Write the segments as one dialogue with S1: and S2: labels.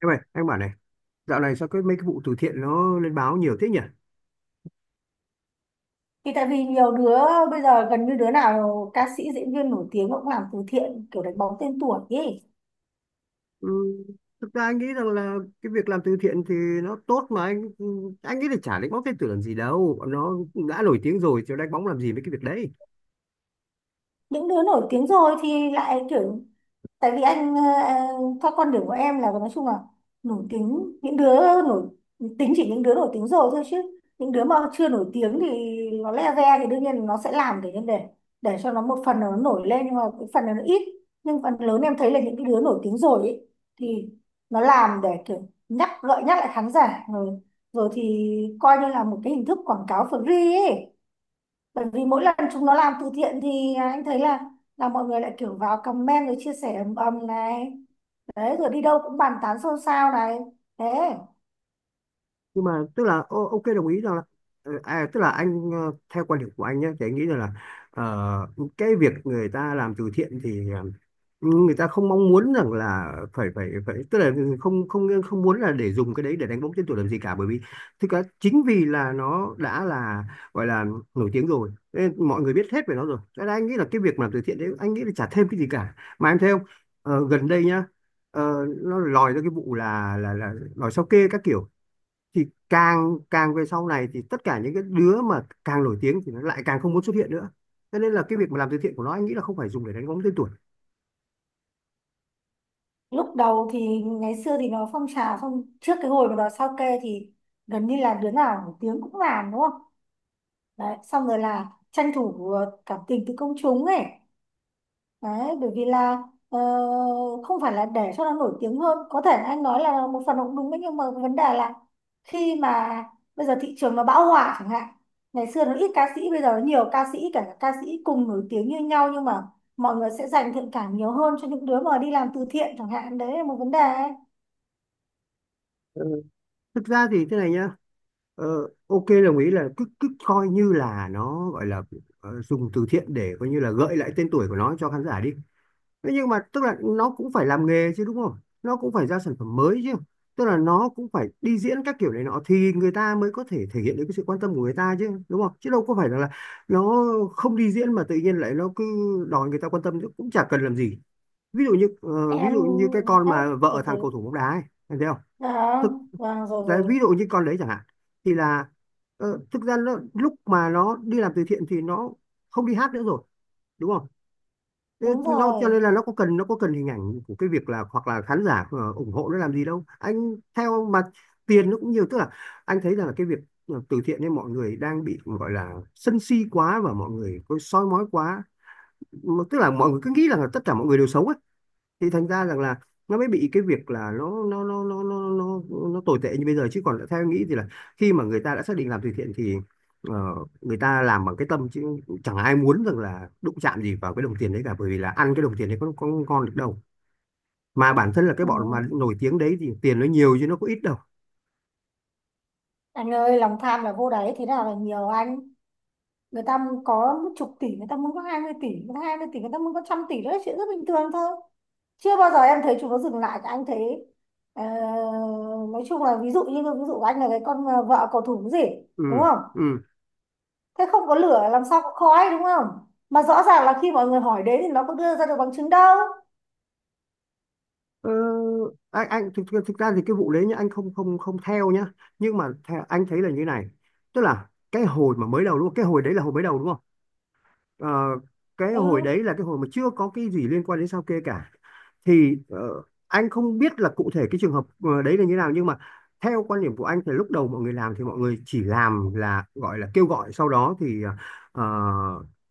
S1: Em ơi, anh bảo này, dạo này sao cái mấy cái vụ từ thiện nó lên báo nhiều thế nhỉ?
S2: Thì tại vì nhiều đứa bây giờ gần như đứa nào ca sĩ diễn viên nổi tiếng cũng làm từ thiện kiểu đánh bóng tên tuổi ấy.
S1: Ừ, thực ra anh nghĩ rằng là cái việc làm từ thiện thì nó tốt mà anh nghĩ là chả đánh bóng tên tuổi làm gì đâu, nó đã nổi tiếng rồi chứ đánh bóng làm gì mấy cái việc đấy.
S2: Những đứa nổi tiếng rồi thì lại kiểu tại vì anh, theo con đường của em là nói chung là nổi tiếng những đứa nổi tính chỉ những đứa nổi tiếng rồi thôi, chứ những đứa mà chưa nổi tiếng thì nó le ve thì đương nhiên nó sẽ làm để cho nó, một phần là nó nổi lên nhưng mà cái phần là nó ít. Nhưng phần lớn em thấy là những cái đứa nổi tiếng rồi ấy, thì nó làm để kiểu nhắc gợi nhắc lại khán giả rồi, rồi thì coi như là một cái hình thức quảng cáo free ấy. Bởi vì mỗi lần chúng nó làm từ thiện thì anh thấy là mọi người lại kiểu vào comment rồi chia sẻ ầm ầm này, đấy rồi đi đâu cũng bàn tán xôn xao này, thế.
S1: Nhưng mà tức là ok, đồng ý rằng là tức là anh, theo quan điểm của anh nhé, thì anh nghĩ rằng là cái việc người ta làm từ thiện thì người ta không mong muốn rằng là phải phải phải tức là không không không muốn là để dùng cái đấy để đánh bóng tên tuổi làm gì cả, bởi vì thực ra chính vì là nó đã là gọi là nổi tiếng rồi nên mọi người biết hết về nó rồi, cho nên anh nghĩ là cái việc mà làm từ thiện đấy anh nghĩ là chả thêm cái gì cả, mà em thấy không? Gần đây nhá, nó lòi ra cái vụ là lòi sao kê các kiểu, thì càng càng về sau này thì tất cả những cái đứa mà càng nổi tiếng thì nó lại càng không muốn xuất hiện nữa, cho nên là cái việc mà làm từ thiện của nó anh nghĩ là không phải dùng để đánh bóng tên tuổi.
S2: Lúc đầu thì ngày xưa thì nó phong trào, xong trước cái hồi mà nó sao kê thì gần như là đứa nào nổi tiếng cũng làm, đúng không? Đấy, xong rồi là tranh thủ cảm tình từ công chúng ấy. Đấy, bởi vì là ờ, không phải là để cho nó nổi tiếng hơn, có thể anh nói là một phần nó cũng đúng đấy, nhưng mà vấn đề là khi mà bây giờ thị trường nó bão hòa chẳng hạn, ngày xưa nó ít ca sĩ bây giờ nó nhiều ca sĩ, cả ca sĩ cùng nổi tiếng như nhau nhưng mà mọi người sẽ dành thiện cảm nhiều hơn cho những đứa mà đi làm từ thiện chẳng hạn, đấy là một vấn đề ấy.
S1: Thực ra thì thế này nhá, ok, đồng ý là cứ cứ coi như là nó gọi là dùng từ thiện để coi như là gợi lại tên tuổi của nó cho khán giả đi. Thế nhưng mà tức là nó cũng phải làm nghề chứ, đúng không? Nó cũng phải ra sản phẩm mới chứ, tức là nó cũng phải đi diễn các kiểu này nọ thì người ta mới có thể thể hiện được cái sự quan tâm của người ta chứ, đúng không? Chứ đâu có phải là nó không đi diễn mà tự nhiên lại nó cứ đòi người ta quan tâm chứ cũng chả cần làm gì. Ví dụ như ví
S2: em
S1: dụ như cái con
S2: em
S1: mà
S2: từ
S1: vợ thằng cầu
S2: từ.
S1: thủ bóng đá ấy, em thấy không?
S2: À, vâng, rồi
S1: Đấy,
S2: rồi.
S1: ví dụ như con đấy chẳng hạn, thì là thực ra nó, lúc mà nó đi làm từ thiện thì nó không đi hát nữa rồi, đúng không? Thế
S2: Đúng
S1: nó cho
S2: rồi.
S1: nên là nó có cần hình ảnh của cái việc là hoặc là khán giả ủng hộ nó làm gì đâu anh theo mà, tiền nó cũng nhiều, tức là anh thấy rằng là cái việc từ thiện nên mọi người đang bị gọi là sân si quá và mọi người có soi mói quá. Mà tức là mọi người cứ nghĩ rằng là tất cả mọi người đều xấu ấy, thì thành ra rằng là nó mới bị cái việc là nó tồi tệ như bây giờ, chứ còn theo em nghĩ thì là khi mà người ta đã xác định làm từ thiện thì ờ, người ta làm bằng cái tâm chứ, chẳng ai muốn rằng là đụng chạm gì vào cái đồng tiền đấy cả, bởi vì là ăn cái đồng tiền đấy có ngon được đâu, mà bản thân là cái
S2: Ừ.
S1: bọn mà nổi tiếng đấy thì tiền nó nhiều chứ nó có ít đâu.
S2: Anh ơi, lòng tham là vô đáy, thế nào là nhiều anh? Người ta muốn có một chục tỷ, người ta muốn có 20 tỷ, người ta 20 tỷ người ta muốn có trăm tỷ, đó là chuyện rất bình thường thôi. Chưa bao giờ em thấy chúng nó dừng lại cả, anh thấy ờ, nói chung là ví dụ như ví dụ anh là cái con, vợ cầu thủ cái gì,
S1: Ừ.
S2: đúng không?
S1: Ừ.
S2: Thế không có lửa làm sao có khói, đúng không? Mà rõ ràng là khi mọi người hỏi đến thì nó có đưa ra được bằng chứng đâu.
S1: ờ, Thực ra thì cái vụ đấy nhá, anh không không không theo nhá, nhưng mà theo, anh thấy là như này, tức là cái hồi mà mới đầu đúng không, cái hồi đấy là hồi mới đầu đúng không? Ờ, cái
S2: Ừ.
S1: hồi đấy là cái hồi mà chưa có cái gì liên quan đến sao kê cả, thì anh không biết là cụ thể cái trường hợp đấy là như nào, nhưng mà theo quan điểm của anh thì lúc đầu mọi người làm thì mọi người chỉ làm là gọi là kêu gọi, sau đó thì ờ,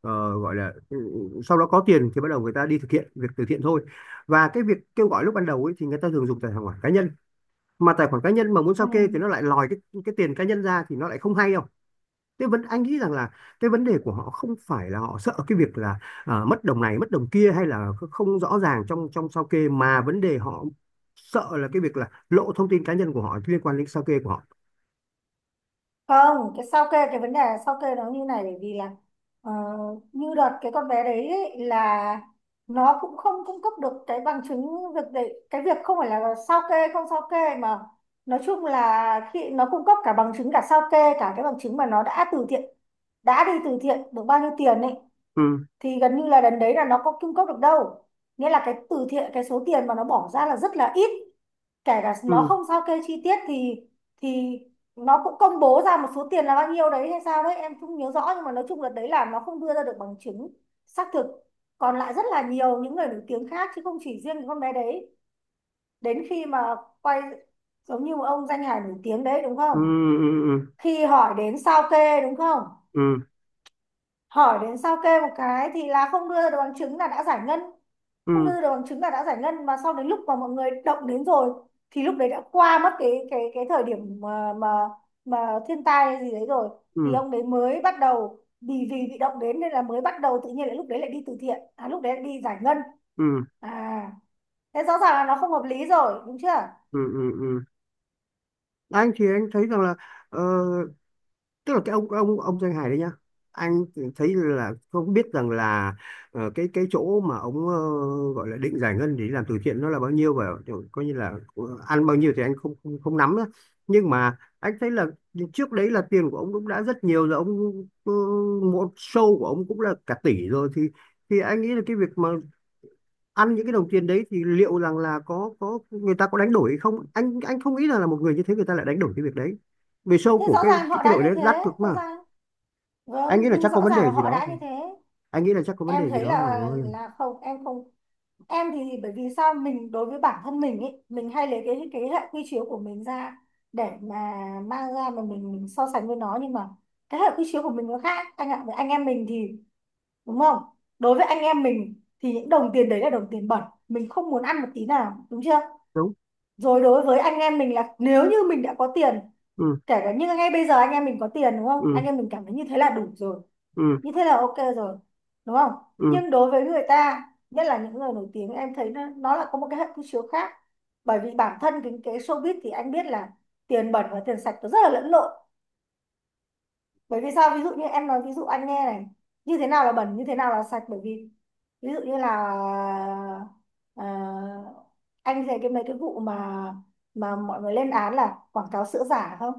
S1: gọi là sau đó có tiền thì bắt đầu người ta đi thực hiện việc từ thiện thôi, và cái việc kêu gọi lúc ban đầu ấy thì người ta thường dùng tài khoản cá nhân, mà tài khoản cá nhân mà muốn sao
S2: Ừ.
S1: kê thì nó lại lòi cái tiền cá nhân ra thì nó lại không hay. Thế vấn anh nghĩ rằng là cái vấn đề của họ không phải là họ sợ cái việc là à, mất đồng này mất đồng kia hay là không rõ ràng trong trong sao kê, mà vấn đề họ sợ là cái việc là lộ thông tin cá nhân của họ liên quan đến sao kê của họ.
S2: Không, cái sao kê, cái vấn đề sao kê nó như này, bởi vì là ờ, như đợt cái con bé đấy ấy, là nó cũng không cung cấp được cái bằng chứng việc đấy, cái việc không phải là sao kê không sao kê mà nói chung là khi nó cung cấp cả bằng chứng, cả sao kê, cả cái bằng chứng mà nó đã từ thiện, đã đi từ thiện được bao nhiêu tiền ấy,
S1: Ừ.
S2: thì gần như là lần đấy là nó có cung cấp được đâu. Nghĩa là cái từ thiện, cái số tiền mà nó bỏ ra là rất là ít. Kể cả nó
S1: Ừ.
S2: không sao kê chi tiết thì nó cũng công bố ra một số tiền là bao nhiêu đấy hay sao đấy em không nhớ rõ, nhưng mà nói chung là đấy, là nó không đưa ra được bằng chứng xác thực. Còn lại rất là nhiều những người nổi tiếng khác chứ không chỉ riêng cái con bé đấy. Đến khi mà quay, giống như một ông danh hài nổi tiếng đấy, đúng
S1: Ừ.
S2: không?
S1: Ừ.
S2: Khi hỏi đến sao kê, đúng không?
S1: Ừ. Ừ.
S2: Hỏi đến sao kê một cái thì là không đưa ra được bằng chứng là đã giải ngân, không
S1: Ừ.
S2: đưa được bằng chứng là đã giải ngân, mà sau đến lúc mà mọi người động đến rồi thì lúc đấy đã qua mất cái thời điểm mà mà thiên tai hay gì đấy rồi, thì
S1: Ừ.
S2: ông đấy mới bắt đầu vì vì bị động đến nên là mới bắt đầu tự nhiên lại lúc đấy lại đi từ thiện, à lúc đấy lại đi giải ngân.
S1: Ừ.
S2: À, thế rõ ràng là nó không hợp lý rồi, đúng chưa?
S1: Ừ. Ừ. Ừ. Anh thì anh thấy rằng là ờ, tức là cái ông danh hài đấy nhá, anh thấy là không biết rằng là cái chỗ mà ông gọi là định giải ngân để làm từ thiện nó là bao nhiêu và kiểu coi như là ăn bao nhiêu thì anh không không, không nắm nữa, nhưng mà anh thấy là trước đấy là tiền của ông cũng đã rất nhiều rồi, ông ờ, một show của ông cũng là cả tỷ rồi, thì anh nghĩ là cái việc mà ăn những cái đồng tiền đấy thì liệu rằng là có người ta có đánh đổi hay không, anh không nghĩ là một người như thế người ta lại đánh đổi cái việc đấy, vì show
S2: Thế
S1: của
S2: rõ ràng họ
S1: cái
S2: đã
S1: đội
S2: như
S1: đấy
S2: thế,
S1: đắt cực.
S2: rõ ràng.
S1: Anh
S2: Vâng,
S1: nghĩ là
S2: nhưng
S1: chắc
S2: rõ
S1: có vấn
S2: ràng là
S1: đề gì
S2: họ
S1: đó
S2: đã
S1: thôi.
S2: như thế.
S1: Anh nghĩ là chắc có vấn
S2: Em
S1: đề gì
S2: thấy
S1: đó
S2: là
S1: rồi.
S2: là không, em không, em thì bởi vì sao, mình đối với bản thân mình ý, mình hay lấy cái hệ quy chiếu của mình ra để mà mang ra mà mình so sánh với nó, nhưng mà cái hệ quy chiếu của mình nó khác anh ạ. Với anh em mình thì, đúng không, đối với anh em mình thì những đồng tiền đấy là đồng tiền bẩn, mình không muốn ăn một tí nào, đúng chưa?
S1: Đúng.
S2: Rồi, đối với anh em mình là nếu như mình đã có tiền,
S1: Ừ.
S2: kể cả như ngay bây giờ anh em mình có tiền, đúng không, anh
S1: Ừ.
S2: em mình cảm thấy như thế là đủ rồi,
S1: Ừ.
S2: như thế là ok rồi, đúng không?
S1: Ừ.
S2: Nhưng đối với người ta, nhất là những người nổi tiếng, em thấy nó là có một cái hệ quy chiếu khác. Bởi vì bản thân cái showbiz thì anh biết là tiền bẩn và tiền sạch nó rất là lẫn lộn. Bởi vì sao, ví dụ như em nói ví dụ anh nghe này, như thế nào là bẩn, như thế nào là sạch, bởi vì ví dụ như là ờ, anh thấy cái mấy cái vụ mà mọi người lên án là quảng cáo sữa giả không?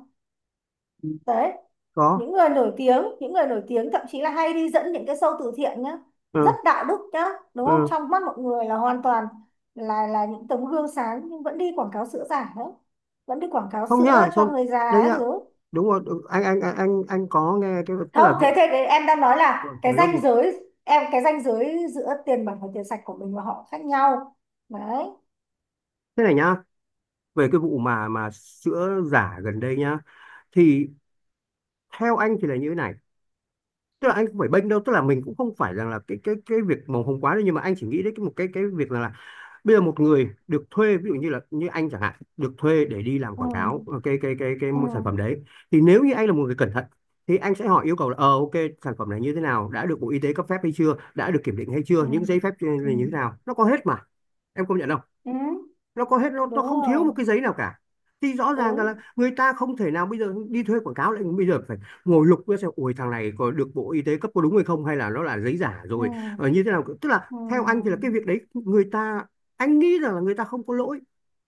S1: Ừ.
S2: Đấy,
S1: Có.
S2: những người nổi tiếng thậm chí là hay đi dẫn những cái show từ thiện nhá, rất
S1: Ừ.
S2: đạo đức nhá, đúng không,
S1: Ừ.
S2: trong mắt mọi người là hoàn toàn là những tấm gương sáng nhưng vẫn đi quảng cáo sữa giả nữa, vẫn đi quảng cáo
S1: Không
S2: sữa
S1: nhá,
S2: cho
S1: không.
S2: người
S1: Đấy
S2: già các
S1: nhá.
S2: thứ.
S1: Đúng rồi, đúng. Anh có nghe cái tức
S2: Không,
S1: là
S2: thế thế thế em đang nói
S1: rồi
S2: là cái
S1: nói lốt đi.
S2: ranh giới, em cái ranh giới giữa tiền bẩn và tiền sạch của mình và họ khác nhau, đấy.
S1: Thế này nhá, về cái vụ mà sữa giả gần đây nhá, thì theo anh thì là như thế này, tức là anh không phải bênh đâu, tức là mình cũng không phải rằng là cái cái việc màu hồng quá đâu, nhưng mà anh chỉ nghĩ đến cái một cái việc là bây giờ một người được thuê ví dụ như là như anh chẳng hạn được thuê để đi làm quảng cáo
S2: Ừ,
S1: cái
S2: ừ,
S1: sản phẩm đấy, thì nếu như anh là một người cẩn thận thì anh sẽ hỏi yêu cầu là ok, sản phẩm này như thế nào, đã được Bộ Y tế cấp phép hay chưa, đã được kiểm định hay chưa,
S2: ừ,
S1: những giấy phép
S2: ừ,
S1: như thế nào, nó có hết mà, em công nhận không?
S2: ừ.
S1: Nó có hết,
S2: Đúng
S1: nó không thiếu
S2: rồi,
S1: một cái giấy nào cả, thì rõ ràng
S2: đúng.
S1: là người ta không thể nào bây giờ đi thuê quảng cáo lại bây giờ phải ngồi lục ra xem ôi thằng này có được Bộ Y tế cấp có đúng hay không hay là nó là giấy giả
S2: Ừ,
S1: rồi như thế nào, tức là theo anh thì là
S2: ừ,
S1: cái việc đấy người ta anh nghĩ rằng là người ta không có lỗi,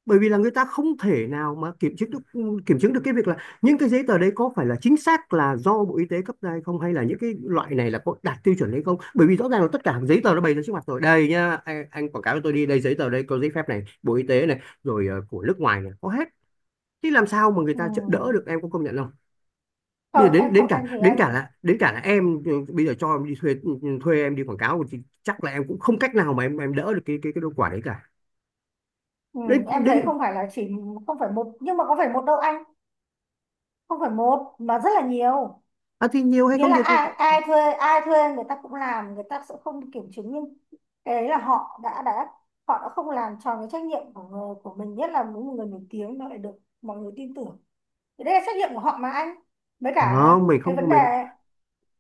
S1: bởi vì là người ta không thể nào mà kiểm chứng được cái việc là những cái giấy tờ đấy có phải là chính xác là do Bộ Y tế cấp ra hay không hay là những cái loại này là có đạt tiêu chuẩn hay không, bởi vì rõ ràng là tất cả giấy tờ nó bày ra trước mặt rồi, đây nhá, anh quảng cáo cho tôi đi, đây giấy tờ đây, có giấy phép này, Bộ Y tế này rồi của nước ngoài này, có hết, thì làm sao mà người
S2: ừ.
S1: ta đỡ được, em có công nhận không? Bây giờ
S2: Không,
S1: đến
S2: em không, em thì em,
S1: đến cả là em ừ, bây giờ cho em đi thuê thuê em đi quảng cáo thì chắc là em cũng không cách nào mà em đỡ được cái đau quả đấy cả.
S2: ừ,
S1: Đến
S2: em thấy
S1: đến
S2: không phải là chỉ, không phải một, nhưng mà có phải một đâu anh, không phải một mà rất là nhiều.
S1: À, thì nhiều hay
S2: Nghĩa
S1: không
S2: là
S1: nhiều thì
S2: ai ai thuê, ai thuê người ta cũng làm, người ta sẽ không kiểm chứng, nhưng cái đấy là họ đã họ đã không làm tròn cái trách nhiệm của người, của mình, nhất là những người nổi tiếng nó lại được mọi người tin tưởng, thì đây là trách nhiệm của họ mà anh, với cả
S1: Không, mình
S2: cái
S1: không
S2: vấn
S1: không-
S2: đề.
S1: mình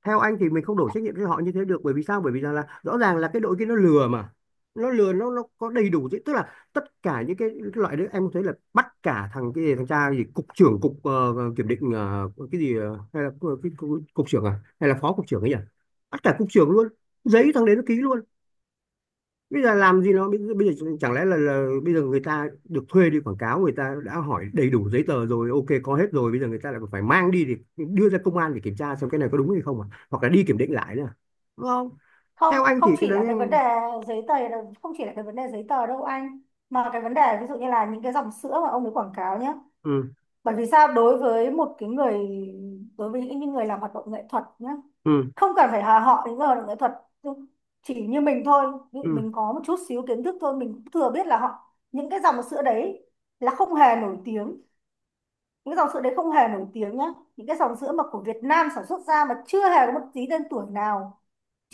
S1: theo anh thì mình không đổ trách nhiệm cho họ như thế được, bởi vì sao? Bởi vì rằng là rõ ràng là cái đội kia nó lừa mà. Nó lừa, nó có đầy đủ chứ. Tức là tất cả những cái loại đấy em thấy là bắt cả thằng cái gì thằng cha gì cục trưởng cục kiểm định cái gì hay là cục, cục trưởng à hay là phó cục trưởng ấy nhỉ? Bắt cả cục trưởng luôn. Giấy thằng đấy nó ký luôn, bây giờ làm gì nó bây giờ chẳng lẽ là bây giờ người ta được thuê đi quảng cáo, người ta đã hỏi đầy đủ giấy tờ rồi ok có hết rồi, bây giờ người ta lại còn phải mang đi thì đưa ra công an để kiểm tra xem cái này có đúng hay không à, hoặc là đi kiểm định lại nữa à? Đúng không?
S2: không
S1: Theo anh
S2: không
S1: thì cái
S2: chỉ
S1: đấy
S2: là cái vấn đề giấy tờ đâu, không chỉ là cái vấn đề giấy tờ đâu anh, mà cái vấn đề ví dụ như là những cái dòng sữa mà ông ấy quảng cáo nhé.
S1: ừ.
S2: Bởi vì sao, đối với một cái người, đối với những người làm hoạt động nghệ thuật nhá,
S1: Ừ.
S2: không cần phải là họ những người hoạt động nghệ thuật, chỉ như mình thôi, ví dụ
S1: Ừ.
S2: mình có một chút xíu kiến thức thôi, mình cũng thừa biết là họ những cái dòng sữa đấy là không hề nổi tiếng, những cái dòng sữa đấy không hề nổi tiếng nhá, những cái dòng sữa mà của Việt Nam sản xuất ra mà chưa hề có một tí tên tuổi nào,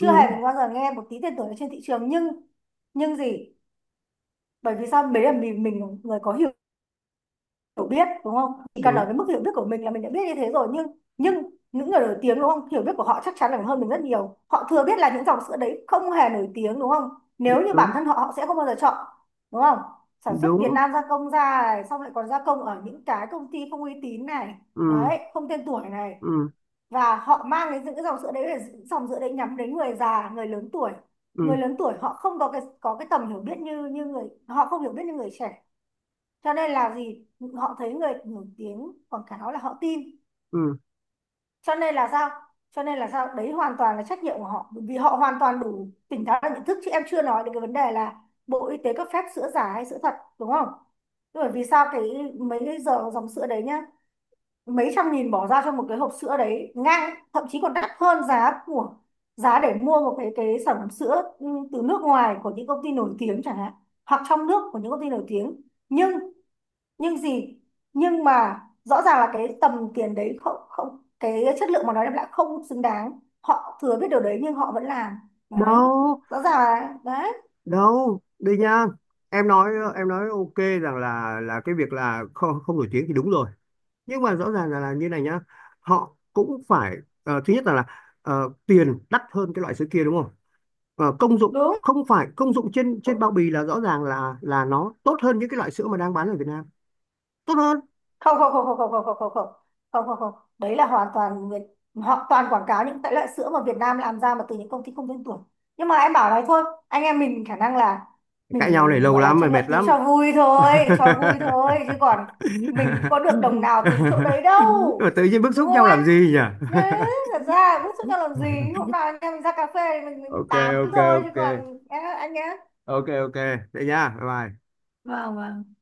S1: Ừ.
S2: hề mình bao giờ nghe một tí tên tuổi ở trên thị trường, nhưng gì, bởi vì sao, đấy là mình là người có hiểu hiểu biết, đúng không, chỉ cần ở
S1: Đúng.
S2: cái mức hiểu biết của mình là mình đã biết như thế rồi, nhưng những người nổi tiếng, đúng không, hiểu biết của họ chắc chắn là hơn mình rất nhiều, họ thừa biết là những dòng sữa đấy không hề nổi tiếng, đúng không? Nếu như bản
S1: Đúng.
S2: thân họ họ sẽ không bao giờ chọn, đúng không, sản xuất Việt
S1: Đúng.
S2: Nam gia công ra này, xong lại còn gia công ở những cái công ty không uy tín này,
S1: Ừ.
S2: đấy, không tên tuổi này.
S1: Ừ.
S2: Và họ mang cái những cái dòng sữa đấy là dòng sữa đấy nhắm đến người già, người lớn tuổi. Người
S1: Ừ.
S2: lớn tuổi họ không có cái, có cái tầm hiểu biết như như người, họ không hiểu biết như người trẻ, cho nên là gì, họ thấy người nổi tiếng quảng cáo là họ tin.
S1: Ừ.
S2: Cho nên là sao, đấy hoàn toàn là trách nhiệm của họ, bởi vì họ hoàn toàn đủ tỉnh táo và nhận thức, chứ em chưa nói đến cái vấn đề là Bộ Y tế cấp phép sữa giả hay sữa thật, đúng không? Bởi vì sao, cái mấy cái giờ dòng sữa đấy nhá, mấy trăm nghìn bỏ ra cho một cái hộp sữa đấy, ngang thậm chí còn đắt hơn giá của, để mua một cái sản phẩm sữa từ nước ngoài của những công ty nổi tiếng chẳng hạn, hoặc trong nước của những công ty nổi tiếng, nhưng nhưng gì, nhưng mà rõ ràng là cái tầm tiền đấy không, cái chất lượng mà nó đem lại không xứng đáng, họ thừa biết điều đấy nhưng họ vẫn làm, đấy,
S1: Đâu.
S2: rõ ràng là đấy,
S1: Đâu đây nha. Em nói, em nói ok rằng là cái việc là không không nổi tiếng thì đúng rồi, nhưng mà rõ ràng là như này nhá, họ cũng phải thứ nhất là tiền đắt hơn cái loại sữa kia đúng không? Ờ, công dụng
S2: đúng
S1: không phải công dụng trên trên bao bì là rõ ràng là nó tốt hơn những cái loại sữa mà đang bán ở Việt Nam, tốt hơn.
S2: không? Không, không, không, không, không, không, không, không, không, không, không, đấy là hoàn toàn Việt, họ toàn quảng cáo những cái loại sữa mà Việt Nam làm ra mà từ những công ty không tên tuổi. Nhưng mà em bảo này thôi, anh em mình khả năng là
S1: Cãi nhau này
S2: mình
S1: lâu
S2: gọi là
S1: lắm mà
S2: tranh luận
S1: mệt
S2: tí
S1: lắm.
S2: cho vui thôi, cho vui thôi, chứ còn mình cũng có được đồng nào từ chỗ đấy đâu,
S1: Mà tự nhiên bức
S2: đúng
S1: xúc
S2: không
S1: nhau
S2: anh?
S1: làm gì nhỉ.
S2: Thế, thật ra bức xúc đang làm gì. Hôm nào anh em mình ra cà phê thì mình
S1: Ok
S2: tám
S1: ok.
S2: thôi, chứ
S1: Ok
S2: còn em, anh nhé.
S1: ok ok. Thế nha, bye bye.
S2: Vâng, vâng.